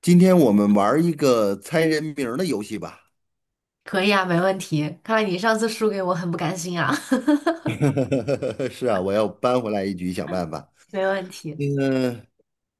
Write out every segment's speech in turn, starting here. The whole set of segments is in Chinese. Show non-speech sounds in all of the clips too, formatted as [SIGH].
今天我们玩儿一个猜人名儿的游戏吧。可以啊，没问题。看来你上次输给我很不甘心啊，[LAUGHS] [LAUGHS] 是啊，我要扳回来一局，想办法。没问题，那个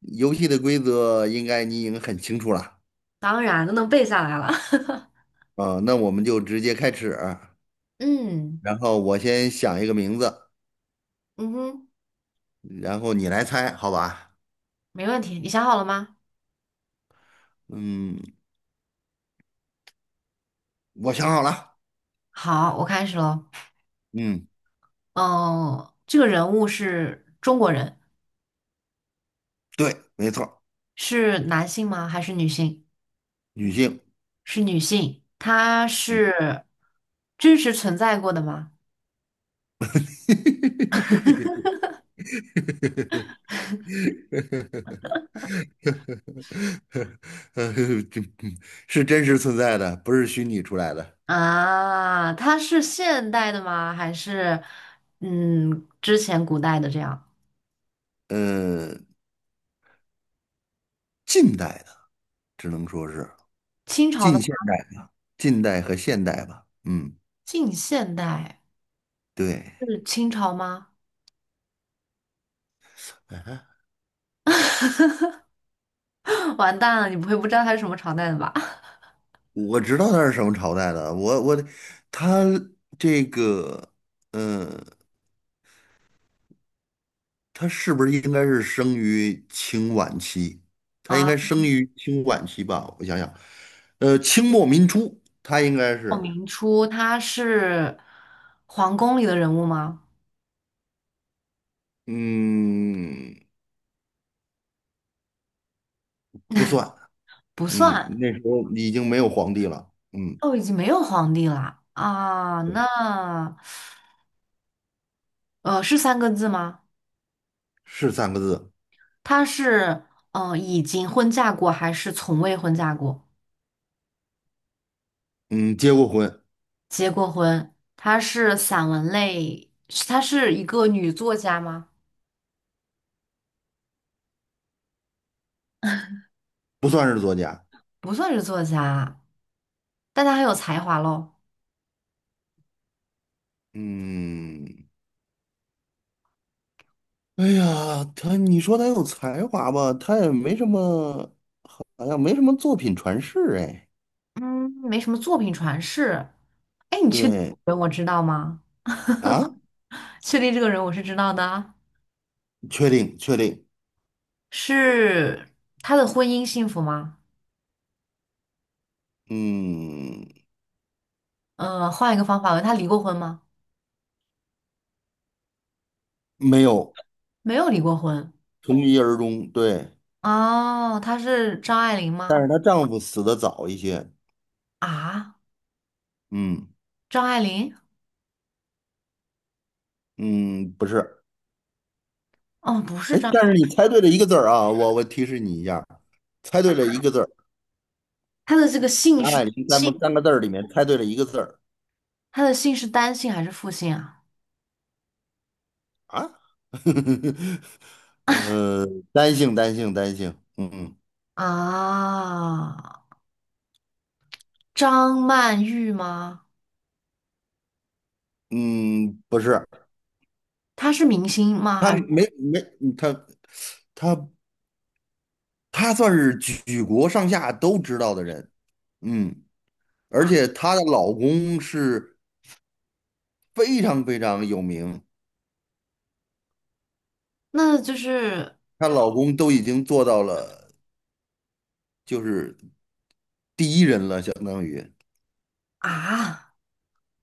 游戏的规则应该你已经很清楚了。当然都能背下来了。[LAUGHS] 啊，那我们就直接开始。嗯然后我先想一个名字，嗯哼，然后你来猜，好吧？没问题。你想好了吗？嗯，我想好了。好，我开始喽。嗯，嗯，这个人物是中国人，对，没错儿，是男性吗？还是女性？女性。是女性。她是真实存在过的吗？[LAUGHS] 呃，这是真实存在的，不是虚拟出来的。啊，她是现代的吗？还是之前古代的这样？呃，近代的，只能说是清朝的近吗？现代、近代和现代吧。嗯，近现代对，是清朝吗？哎， [LAUGHS] 完蛋了，你不会不知道他是什么朝代的吧？我知道他是什么朝代的。我他这个，嗯，他是不是应该是生于清晚期？他应啊，该生于清晚期吧？我想想，清末民初，他应该鲍是，明初他是皇宫里的人物吗？嗯，不算，不嗯，算，那时候已经没有皇帝了。嗯，哦，已经没有皇帝了啊。那是三个字吗？是三个字。他是已经婚嫁过还是从未婚嫁过？嗯，结过婚。结过婚？他是散文类，他是一个女作家吗？不算是作家。不算是作家啊，但她很有才华喽。嗯，哎呀，他，你说他有才华吧，他也没什么，好像没什么作品传世哎。嗯，没什么作品传世。哎，你确定这对个人我知道吗？啊，确定这个人我是知道的啊。确定确定。是他的婚姻幸福吗？嗯，嗯，换一个方法问，他离过婚吗？没有，没有离过婚。从一而终。对，哦，他是张爱玲但是吗？她丈夫死的早一些。啊，嗯，张爱玲？嗯，不是。哦，不是哎，张但是爱。你猜对了一个字儿啊，我提示你一下，猜对了一个字儿，她的这个姓张是爱玲咱们姓，三个字儿里面猜对了一个字儿。她的姓是单姓还是复姓啊？啊，[LAUGHS] 呃，单性单性单性，嗯。啊，张曼玉吗？嗯，不是。她是明星吗？他还是没没他他他算是举国上下都知道的人，嗯，而啊？且她的老公是非常非常有名，那就是她老公都已经做到了，就是第一人了，相当于，啊，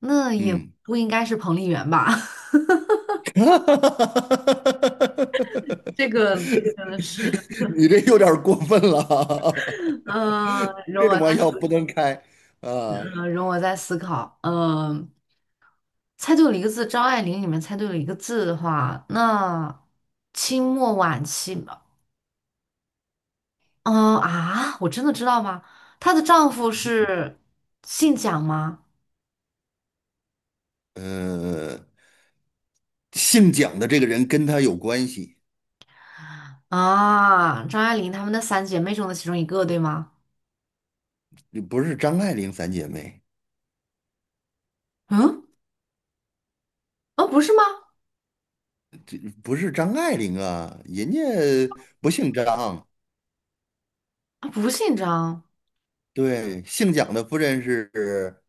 那也嗯。不应该是彭丽媛吧？[LAUGHS] [LAUGHS] 这个真的是。你这有点儿过分了。[LAUGHS] 嗯、容这种我再玩笑不能开啊。容我再思考。嗯、猜对了一个字，张爱玲里面猜对了一个字的话，那清末晚期吧。嗯、啊，我真的知道吗？她的丈夫是姓蒋吗？呃，姓蒋的这个人跟他有关系，啊，张爱玲她们的三姐妹中的其中一个，对吗？不是张爱玲三姐妹，嗯，啊，不是吗？这不是张爱玲啊，人家不姓张。啊，不姓张对，姓蒋的夫人是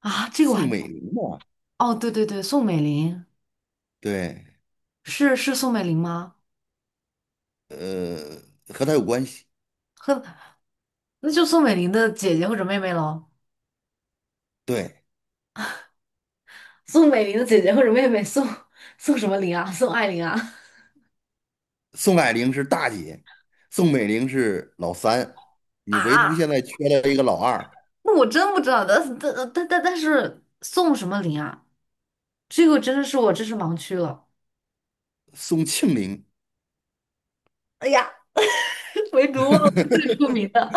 啊，这个我还。宋美龄嘛？哦，对对对，宋美龄。对，是宋美龄吗？呃，和他有关系。呵，那就宋美龄的姐姐或者妹妹喽。对，宋美龄的姐姐或者妹妹宋什么龄啊？宋爱玲啊？宋霭龄是大姐，宋美龄是老三，你唯独现啊，在缺了一个老二，那我真不知道，但是宋什么龄啊？这个真的是我知识盲区了。宋庆龄。哎呀，唯独忘了最 [LAUGHS] 出名的。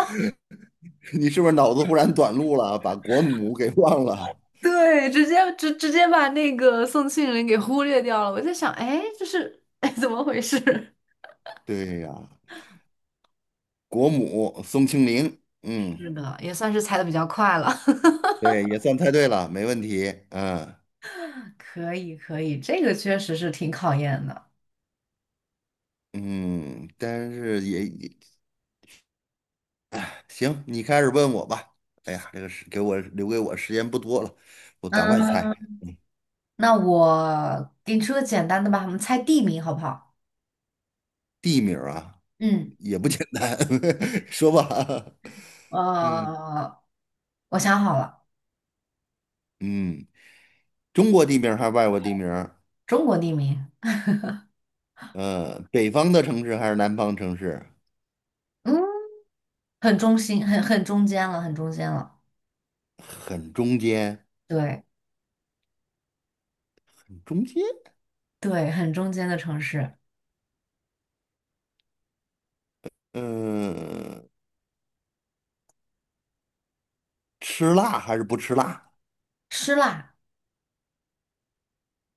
[LAUGHS] 你是不是脑子忽然短路了，把国母给忘 [LAUGHS] 了？对，直接把那个宋庆龄给忽略掉了。我在想，哎，这是哎怎么回事？对呀，国母宋庆龄，嗯，[LAUGHS] 是的，也算是猜的比较快了。对，也算猜对了，没问题。嗯。 [LAUGHS] 可以可以，这个确实是挺考验的。嗯，但是也行，你开始问我吧。哎呀，这个是给我留给我时间不多了，我赶快嗯，猜。那我给你出个简单的吧，我们猜地名好不好？地名儿啊，嗯，也不简单，[LAUGHS] 说吧。[LAUGHS] 嗯。呃，我想好了，嗯，中国地名儿还是外国地名儿？中国地名。嗯，北方的城市还是南方城市？嗯，很中心，很中间了，很中间了，很中间，对中间。对，很中间的城市，嗯，吃辣还是不吃辣？吃辣，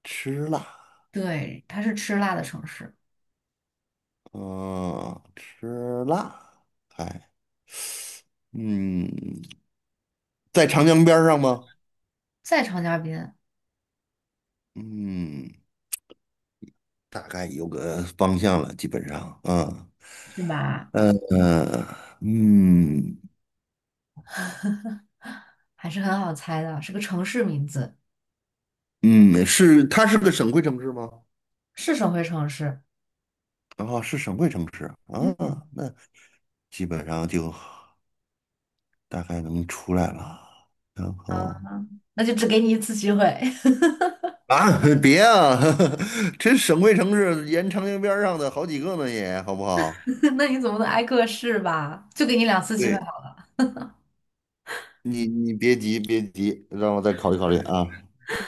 吃辣，对，它是吃辣的城市，嗯，吃辣，哎，嗯，在长江边儿上吗？在长江边嗯，大概有个方向了，基本上，嗯，是吧？嗯，嗯。还是很好猜的，是个城市名字，嗯，是，它是个省会城市吗？是省会城市，哦，是省会城市啊，那基本上就大概能出来了，然啊，后。那就只给你一次机会。[LAUGHS] 啊，别啊，[LAUGHS] 这省会城市沿长江边儿上的好几个呢也，好不好？[LAUGHS] 那你总不能挨个试吧？就给你两次机会对，你别急，别急，让我再考虑考虑啊。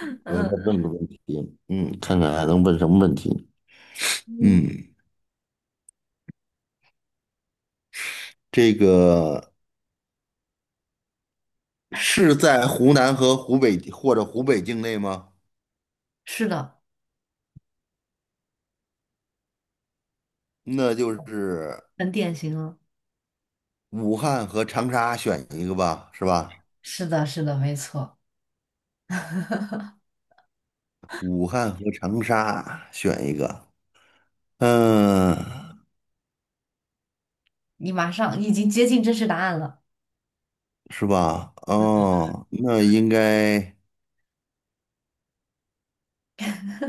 好我再了。嗯，问个问题，嗯，看看还能问什么问题？嗯，嗯，这个是在湖南和湖北或者湖北境内吗？是的。那就是很典型了。武汉和长沙选一个吧，是吧？是的，是的，没错，武汉和长沙选一个，嗯。你马上。你已经接近真实答案了。是吧？哦，那应该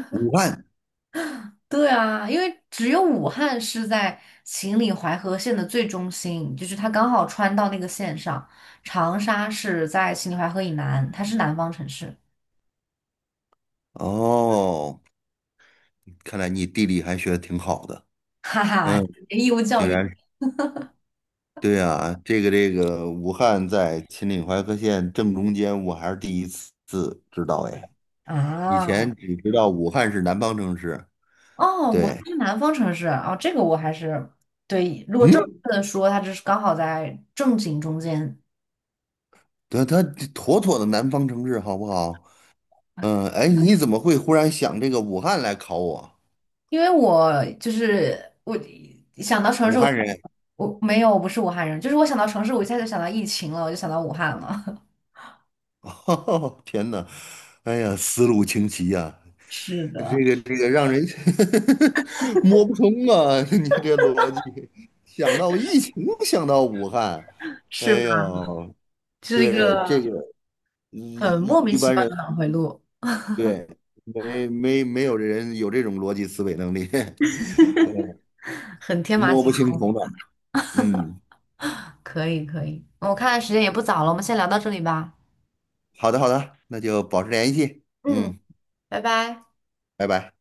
武汉。对啊，因为只有武汉是在秦岭淮河线的最中心，就是它刚好穿到那个线上。长沙是在秦岭淮河以南，它是南方城市。哦，看来你地理还学的挺好的。哈哈，嗯，[LAUGHS] 义务教竟育然是，对啊，这个这个武汉在秦岭淮河线正中间，我还是第一次知道哎，以啊，前只知道武汉是南方城市。哦，武汉对，是南方城市啊。哦，这个我还是对。如果正嗯，确的说，它就是刚好在正经中间。对，它妥妥的南方城市，好不好？嗯，哎，你怎么会忽然想这个武汉来考我？因为我就是我想到城武市汉人，我没有，我不是武汉人，就是我想到城市，我一下就想到疫情了，我就想到武汉了。[LAUGHS] 天呐，哎呀，思路清奇呀、[LAUGHS] 是的，这个这个让人 [LAUGHS] 摸不通啊！[LAUGHS] 你这逻辑，想到疫情，想到武汉，是哎吧？呦，这是一对这个个，一很莫一名一其般妙人，的脑回路，对，没有人有这种逻辑思维能力，[LAUGHS] 对，很天马摸行不清空。头脑。嗯，可以，可以。嗯我看时间也不早了，我们先聊到这里吧。好的好的，那就保持联系。嗯，嗯，拜拜。拜拜。